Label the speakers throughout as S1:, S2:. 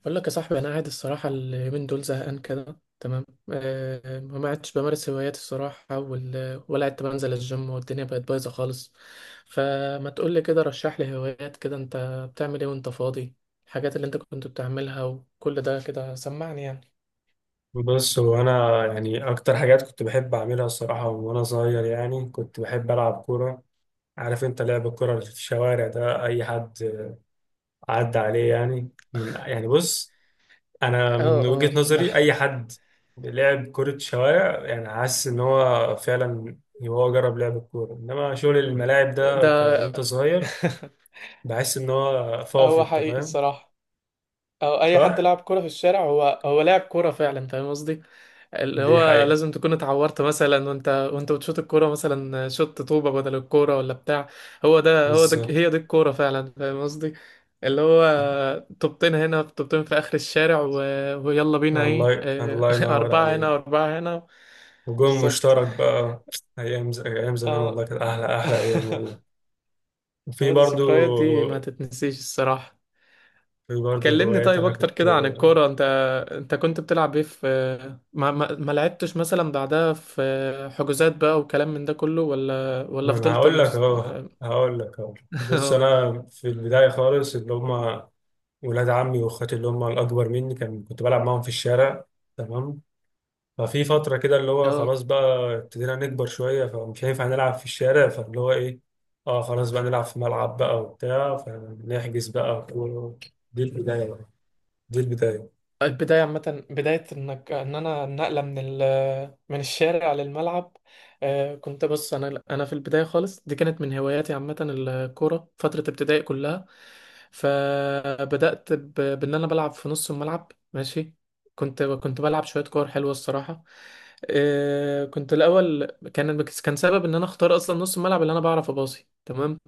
S1: بقول لك يا صاحبي، انا قاعد الصراحه اليومين دول زهقان كده، تمام. ما قعدتش بمارس هواياتي الصراحه، ولا قعدت بنزل الجيم والدنيا بقت بايظه خالص. فما تقول لي كده، رشح لي هوايات كده. انت بتعمل ايه وانت فاضي؟ الحاجات اللي انت كنت بتعملها وكل ده كده، سمعني يعني.
S2: بص هو انا يعني اكتر حاجات كنت بحب اعملها الصراحه وانا صغير، يعني كنت بحب العب كوره. عارف انت لعب الكوره اللي في الشوارع ده، اي حد عدى عليه؟ يعني من، يعني بص، انا
S1: اه،
S2: من وجهه
S1: اه، ده
S2: نظري اي حد لعب كره شوارع يعني حاسس ان هو فعلا، يعني هو جرب لعب الكوره. انما شغل الملاعب ده
S1: ده
S2: وانت صغير بحس ان هو فاضي،
S1: هو
S2: انت
S1: حقيقي
S2: فاهم.
S1: الصراحه. او اي حد
S2: صح.
S1: لعب كوره في الشارع، هو لعب كوره فعلا فاهم قصدي. اللي
S2: دي
S1: هو
S2: حقيقه.
S1: لازم تكون اتعورت مثلا، وانت بتشوط الكوره، مثلا شوت طوبه بدل الكوره ولا بتاع. هو ده هو ده،
S2: بالظبط.
S1: هي دي الكوره فعلا فاهم قصدي. اللي هو طوبتين هنا، طوبتين في اخر الشارع ويلا بينا ايه.
S2: الله، الله ينور
S1: اربعه هنا
S2: عليك.
S1: واربعه هنا.
S2: وجون
S1: بالظبط.
S2: مشترك بقى. أيام زمان والله
S1: اه.
S2: كانت أحلى أحلى أيام والله. وفي
S1: هذه
S2: برضو،
S1: الذكريات دي ما تتنسيش الصراحه.
S2: في برضو
S1: كلمني
S2: هوايات
S1: طيب
S2: أنا
S1: اكتر
S2: كنت.
S1: كده عن الكوره انت. انت كنت بتلعب ايه في، ما لعبتش مثلا بعدها في حجوزات بقى وكلام من ده كله، ولا
S2: ما أنا
S1: فضلت
S2: هقول لك أهو، هقول لك أهو. بص أنا في البداية خالص اللي هما ولاد عمي وأخواتي اللي هما الأكبر مني، كنت بلعب معاهم في الشارع. تمام. ففي فترة كده اللي هو
S1: اه.
S2: خلاص بقى ابتدينا نكبر شوية، فمش هينفع نلعب في الشارع، فاللي هو إيه، اه خلاص بقى نلعب في ملعب بقى وبتاع، فنحجز بقى و- دي البداية بقى، دي البداية.
S1: البداية عامة، بداية انك ان انا النقلة من ال، من الشارع للملعب. كنت بص، انا في البداية خالص دي كانت من هواياتي عامة، الكورة فترة ابتدائي كلها. فبدأت بان انا بلعب في نص الملعب، ماشي. كنت بلعب شوية كور حلوة الصراحة. كنت الاول، كان سبب ان انا اختار اصلا نص الملعب اللي انا بعرف اباصي، تمام.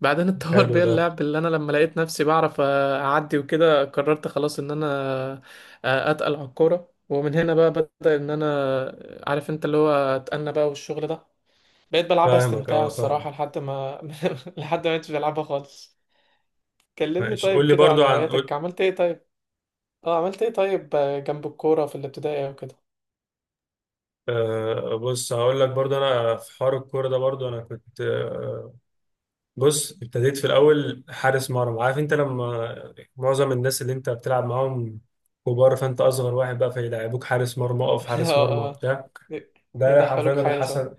S1: بعدين اتطور
S2: حلو
S1: بيا
S2: ده.
S1: اللعب، اللي انا لما لقيت نفسي بعرف اعدي وكده قررت خلاص ان انا اتقل على الكوره. ومن هنا بقى بدأ ان انا، عارف انت اللي هو، اتقلنا بقى والشغل ده. بقيت بلعبها
S2: فاهمك،
S1: استمتاع
S2: اه فاهم.
S1: الصراحه، لحد ما لحد ما مبقتش بلعبها خالص. كلمني
S2: ماشي،
S1: طيب
S2: قول لي
S1: كده عن
S2: برضو، عن
S1: هواياتك،
S2: قول.
S1: عملت ايه طيب؟ اه، عملت ايه طيب جنب الكوره في الابتدائي وكده؟
S2: بص هقول لك برضو انا في حوار الكوره ده، برضو انا كنت بص ابتديت في الاول حارس مرمى. عارف انت لما معظم الناس اللي انت بتلعب معاهم كبار، فانت اصغر واحد بقى فيلعبوك حارس مرمى، اقف حارس
S1: اه،
S2: مرمى
S1: اه،
S2: وبتاع. ده حرفيا
S1: يدخلوك
S2: اللي
S1: حارس، اه.
S2: حصل.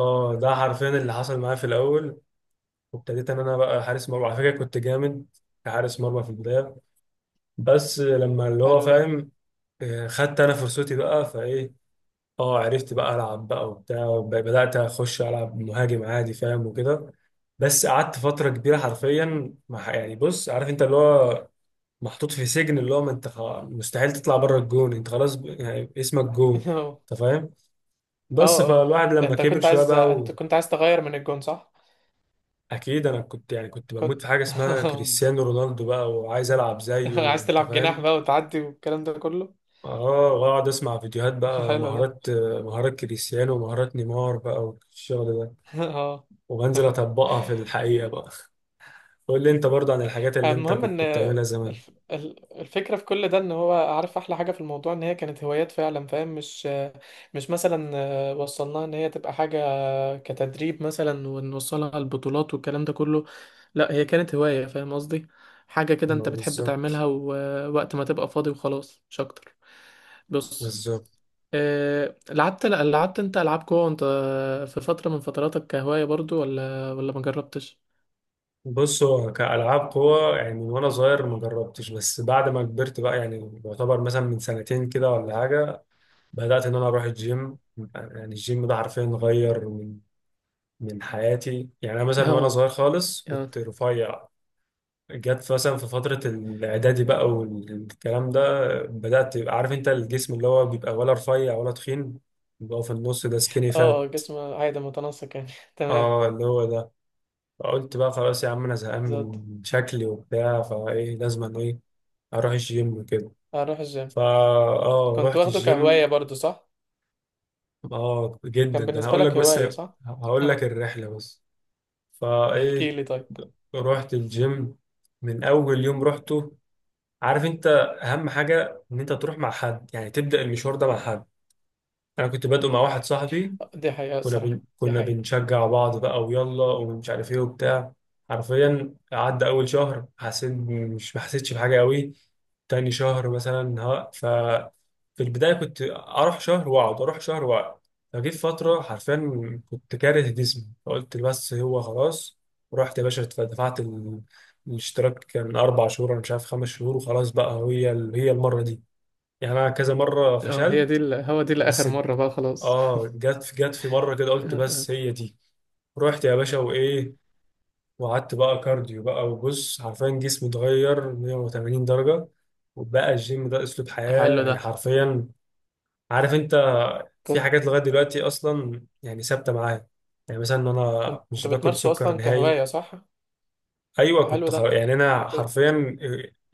S2: اه ده حرفيا اللي حصل معايا في الاول. وابتديت ان انا بقى حارس مرمى. على فكره كنت جامد كحارس مرمى في البدايه. بس لما اللي هو
S1: حلو ده.
S2: فاهم، خدت انا فرصتي بقى فايه، اه عرفت بقى العب بقى وبتاع بدات اخش العب مهاجم عادي، فاهم وكده. بس قعدت فتره كبيره حرفيا مع، يعني بص عارف انت اللي هو محطوط في سجن، اللي هو ما انت مستحيل تطلع بره الجون، انت خلاص ب- يعني اسمك جون.
S1: اه،
S2: انت فاهم. بس
S1: اه،
S2: فالواحد لما
S1: انت
S2: كبر
S1: كنت
S2: شويه
S1: عايز
S2: بقى
S1: انت
S2: و...
S1: كنت عايز تغير من الجون، صح؟
S2: اكيد انا كنت، يعني كنت بموت
S1: كنت
S2: في حاجه اسمها كريستيانو رونالدو بقى، وعايز العب زيه،
S1: عايز
S2: انت
S1: تلعب جناح
S2: فاهم.
S1: بقى وتعدي والكلام ده كله؟
S2: اه واقعد اسمع فيديوهات بقى،
S1: حلو ده.
S2: مهارات مهارات كريستيانو ومهارات نيمار بقى والشغل ده.
S1: اه.
S2: وبنزل اطبقها في الحقيقه بقى. قول لي انت برضه عن الحاجات اللي انت
S1: المهم ان،
S2: كنت بتعملها زمان.
S1: الفكرة في كل ده، ان هو، عارف، احلى حاجة في الموضوع ان هي كانت هوايات فعلا فاهم. مش مثلا وصلناها ان هي تبقى حاجة كتدريب مثلا ونوصلها البطولات والكلام ده كله. لا، هي كانت هواية فاهم قصدي. حاجة كده انت
S2: ما
S1: بتحب
S2: بالظبط،
S1: تعملها، ووقت ما تبقى فاضي وخلاص مش اكتر. بص،
S2: بالظبط.
S1: لعبت انت العاب جوه وانت، في فتره من فتراتك كهوايه برضو، ولا ما جربتش؟
S2: بص هو كألعاب قوة، يعني من وأنا صغير ما جربتش، بس بعد ما كبرت بقى يعني يعتبر مثلا من سنتين كده ولا حاجة بدأت إن أنا أروح الجيم. يعني الجيم ده حرفيا غير من حياتي. يعني أنا مثلا وأنا
S1: اه،
S2: صغير خالص
S1: اه،
S2: كنت رفيع، جت مثلا في فترة الإعدادي بقى والكلام ده بدأت تبقى عارف أنت الجسم اللي هو بيبقى، ولا رفيع ولا تخين، اللي هو في النص ده سكيني
S1: اه،
S2: فات.
S1: اه، جسم عادي متناسق يعني تمام.
S2: اه اللي هو ده. فقلت بقى خلاص يا عم، أنا زهقان
S1: بالظبط.
S2: من شكلي وبتاع، فإيه لازم أنا إيه أروح الجيم وكده.
S1: اروح الجيم.
S2: فا اه
S1: كنت
S2: رحت
S1: واخده
S2: الجيم.
S1: كهوايه برضو، صح؟
S2: اه جدا،
S1: كان
S2: ده أنا
S1: بالنسبه
S2: هقول لك
S1: لك
S2: بس،
S1: هوايه، صح؟
S2: هقول لك
S1: اه.
S2: الرحلة بس.
S1: احكي
S2: فإيه
S1: لي طيب.
S2: رحت الجيم. من أول يوم رحته، عارف انت، اهم حاجه ان انت تروح مع حد، يعني تبدا المشوار ده مع حد. انا كنت بادئه مع واحد صاحبي،
S1: دي حقيقه الصراحه، دي
S2: كنا
S1: حقيقه.
S2: بنشجع بعض بقى، ويلا ومش عارف ايه وبتاع. حرفيا عدى اول شهر حسيت، مش ما حسيتش بحاجه قوي. تاني شهر مثلا ها ف في البدايه كنت اروح شهر واقعد، اروح شهر واقعد. فجيت فتره حرفيا كنت كاره جسمي، فقلت بس هو خلاص. ورحت يا باشا دفعت الاشتراك. كان 4 شهور انا مش عارف 5 شهور، وخلاص بقى هي هي المره دي. يعني انا كذا مره
S1: اه، هي دي
S2: فشلت
S1: هو دي لاخر
S2: بس.
S1: مره بقى، خلاص.
S2: اه جت في مره كده قلت
S1: آه،
S2: بس هي دي. رحت يا باشا وايه، وقعدت بقى كارديو بقى، وبص حرفيا جسمي اتغير 180 درجه، وبقى الجيم ده اسلوب حياه،
S1: حلو
S2: يعني
S1: ده.
S2: حرفيا. عارف انت في
S1: كنت
S2: حاجات لغايه دلوقتي اصلا يعني ثابته معايا، يعني مثلا ان انا
S1: كنت
S2: مش باكل
S1: بتمارسه
S2: سكر
S1: اصلا
S2: نهائي.
S1: كهوايه، صح؟
S2: ايوه
S1: حلو
S2: كنت خ...
S1: ده.
S2: يعني انا
S1: كنت
S2: حرفيا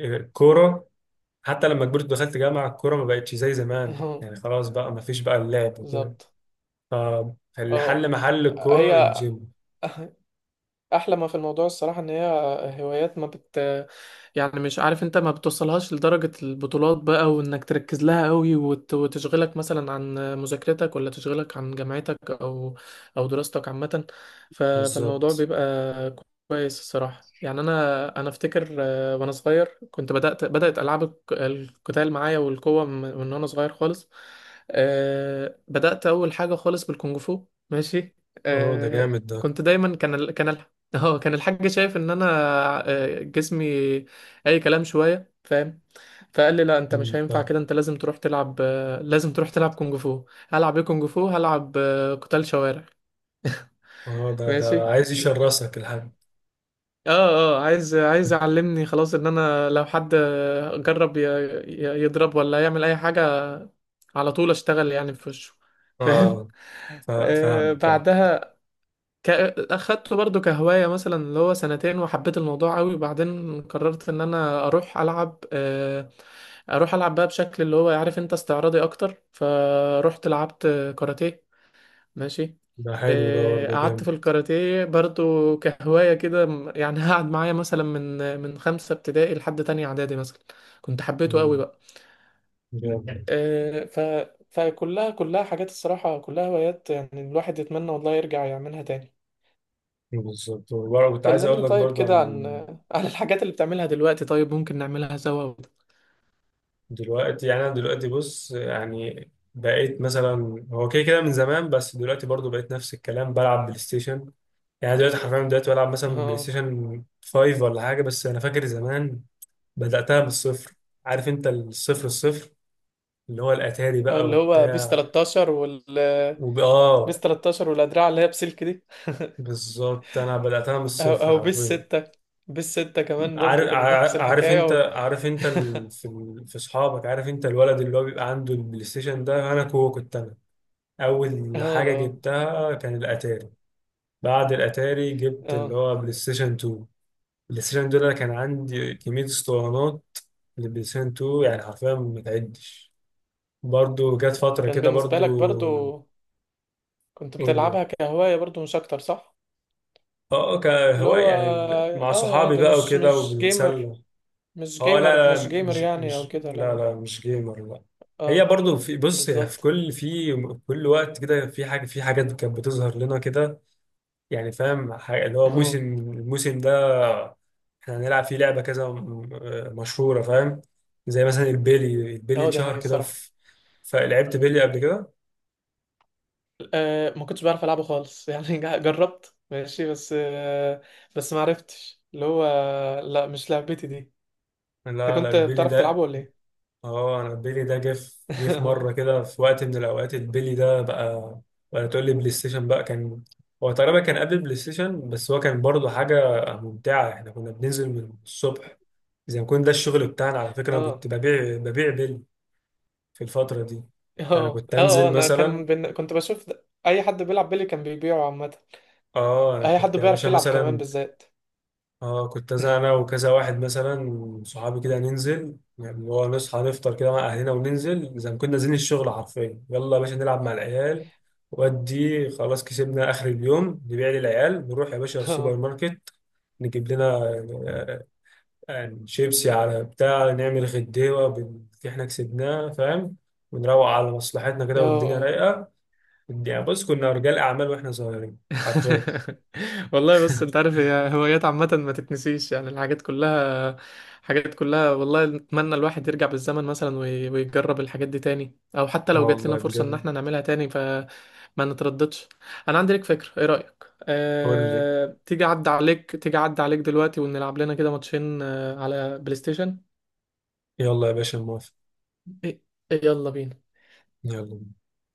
S2: الكوره، حتى لما كبرت دخلت جامعه، الكوره ما بقتش زي زمان،
S1: اه.
S2: يعني خلاص بقى ما فيش بقى اللعب وكده.
S1: بالظبط.
S2: فاللي حل
S1: اه.
S2: محل الكورة
S1: هي.
S2: الجيم.
S1: احلى ما في الموضوع الصراحه ان هي هوايات ما بت، يعني مش عارف انت، ما بتوصلهاش لدرجه البطولات بقى وانك تركز لها قوي وتشغلك مثلا عن مذاكرتك، ولا تشغلك عن جامعتك او او دراستك عامه. فالموضوع
S2: بالظبط.
S1: بيبقى كويس الصراحه. يعني انا افتكر وانا صغير كنت بدات العاب القتال معايا والقوه من وانا صغير خالص. بدات اول حاجه خالص بالكونغ فو، ماشي.
S2: اهو ده
S1: آه،
S2: جامد ده.
S1: كنت دايما كان كان اه، كان الحاج شايف ان انا، جسمي اي كلام شويه فاهم. فقال لي لا، انت مش
S2: مم،
S1: هينفع
S2: فاهم.
S1: كده، انت لازم تروح تلعب، لازم تروح تلعب كونج فو. هلعب ايه كونج فو؟ هلعب قتال شوارع،
S2: اهو ده، ده
S1: ماشي.
S2: عايز يشرسك الحاج.
S1: اه، اه، عايز يعلمني خلاص ان انا لو حد جرب يضرب ولا يعمل اي حاجه، على طول اشتغل يعني في وشه، فاهم.
S2: اه. فاهمك، فاهم.
S1: بعدها، ك... اخدته برضو كهواية مثلا اللي هو سنتين، وحبيت الموضوع قوي وبعدين قررت ان انا اروح العب، اروح العب بقى بشكل اللي هو عارف انت استعراضي اكتر. فروحت لعبت كاراتيه، ماشي.
S2: ده حلو ده برضه،
S1: قعدت في
S2: جامد.
S1: الكاراتيه برضو كهواية كده يعني قعد معايا مثلا من خمسة ابتدائي لحد تانية اعدادي مثلا. كنت حبيته قوي
S2: مم،
S1: بقى.
S2: جامد.
S1: آه، ف فكلها حاجات الصراحة، كلها هوايات يعني. الواحد يتمنى والله يرجع يعملها تاني.
S2: بالظبط. وبرضه كنت عايز
S1: كلمني
S2: اقول لك
S1: طيب
S2: برضه عن
S1: كده عن عن الحاجات اللي بتعملها دلوقتي طيب، ممكن نعملها سوا.
S2: دلوقتي. يعني انا دلوقتي بص، يعني بقيت مثلا، هو كده كده من زمان، بس دلوقتي برضه بقيت نفس الكلام بلعب بلاي ستيشن. يعني دلوقتي حرفيا دلوقتي بلعب مثلا بلاي
S1: اه،
S2: ستيشن 5 ولا حاجة. بس انا فاكر زمان بدأتها من الصفر، عارف انت الصفر الصفر، اللي هو الاتاري
S1: أو
S2: بقى
S1: اللي هو بيس
S2: وبتاع
S1: 13 بيس
S2: اه،
S1: 13 والأدراع اللي هي بسلك دي.
S2: بالظبط انا بدأتها من
S1: أو
S2: الصفر
S1: أو بيس
S2: حرفيا.
S1: 6. بيس 6 كمان برضو كانت نفس
S2: عارف انت،
S1: الحكاية
S2: عارف انت في اصحابك، عارف انت الولد اللي هو بيبقى عنده البلاي ستيشن ده، انا كنت انا.
S1: اه،
S2: اول حاجة
S1: اه،
S2: جبتها كان الاتاري. بعد الاتاري جبت اللي
S1: اه.
S2: هو بلاي ستيشن 2. البلاي ستيشن 2 ده أنا كان عندي كمية اسطوانات للبلاي ستيشن 2، يعني حرفيا ما تعدش. برضو جت فترة
S1: كان
S2: كده
S1: بالنسبة لك
S2: برضو.
S1: برضو كنت
S2: قول لي.
S1: بتلعبها كهواية برضو، مش أكتر، صح؟
S2: اه
S1: اللي
S2: كهواية،
S1: هو
S2: يعني ب- مع
S1: اه
S2: صحابي
S1: عادي،
S2: بقى
S1: مش
S2: وكده
S1: مش جيمر.
S2: وبنتسلى.
S1: مش
S2: اه
S1: جيمر،
S2: لا
S1: مش
S2: لا،
S1: جيمر
S2: مش
S1: يعني، أو
S2: مش
S1: كده؟
S2: لا
S1: لا،
S2: لا، مش جيمر، لا. هي
S1: اه.
S2: برضو في، بص يعني في
S1: بالظبط.
S2: كل، في كل وقت كده في حاجة، في حاجات كانت بتظهر لنا كده. يعني فاهم حاجة اللي هو
S1: اه،
S2: موسم، الموسم ده احنا هنلعب فيه لعبة كذا م- مشهورة، فاهم. زي مثلا البيلي، البيلي
S1: اه، ده
S2: اتشهر
S1: حقيقي
S2: كده
S1: الصراحة.
S2: في، فلعبت بيلي قبل كده.
S1: ما كنتش بعرف العبه خالص، يعني جربت ماشي بس، بس ما عرفتش اللي هو. لا، مش لعبتي دي. انت
S2: لا لا
S1: كنت
S2: البيلي
S1: بتعرف تلعبه
S2: ده.
S1: ولا ايه؟
S2: اه انا البيلي ده جه في
S1: اه،
S2: مره كده في وقت من الاوقات، البيلي ده بقى. ولا تقول لي بلاي ستيشن بقى كان، هو تقريبا كان قبل البلاي ستيشن. بس هو كان برضه حاجه ممتعه. احنا كنا بننزل من الصبح زي ما كنا، ده الشغل بتاعنا على فكره. انا كنت
S1: اه،
S2: ببيع بيلي في الفتره دي. انا
S1: اه،
S2: كنت
S1: اه.
S2: انزل
S1: انا
S2: مثلا،
S1: كنت بشوف اي حد بيلعب بيلي كان بيبيعه عامه.
S2: اه انا
S1: اي
S2: كنت
S1: حد
S2: يا باشا
S1: بيعرف يلعب كمان
S2: مثلا،
S1: بالذات.
S2: اه كنت انا وكذا واحد مثلا صحابي كده ننزل، يعني اللي هو نصحى نفطر كده مع اهلنا، وننزل زي ما كنا نازلين الشغل، حرفيا يلا يا باشا نلعب مع العيال. ودي خلاص كسبنا اخر اليوم، نبيع للعيال، نروح يا باشا السوبر
S1: اه،
S2: ماركت نجيب لنا، آه، يعني شيبسي على بتاع، نعمل غديوه باللي احنا كسبناه، فاهم، ونروق على مصلحتنا
S1: اه،
S2: كده والدنيا
S1: آه.
S2: رايقه. يعني بص كنا رجال اعمال واحنا صغيرين، حرفيا.
S1: والله بص، انت عارف هي هوايات عامة ما تتنسيش، يعني الحاجات كلها، حاجات كلها والله. نتمنى الواحد يرجع بالزمن مثلا ويجرب الحاجات دي تاني، او حتى
S2: اه
S1: لو جات لنا
S2: والله
S1: فرصة ان
S2: بجد.
S1: احنا نعملها تاني فما نترددش. انا عندي لك فكرة، ايه رأيك،
S2: قول لي.
S1: تيجي عدى عليك دلوقتي ونلعب لنا كده ماتشين على بلاي ستيشن؟
S2: يلا يا باشا، موافق.
S1: إيه؟ يلا بينا.
S2: يلا.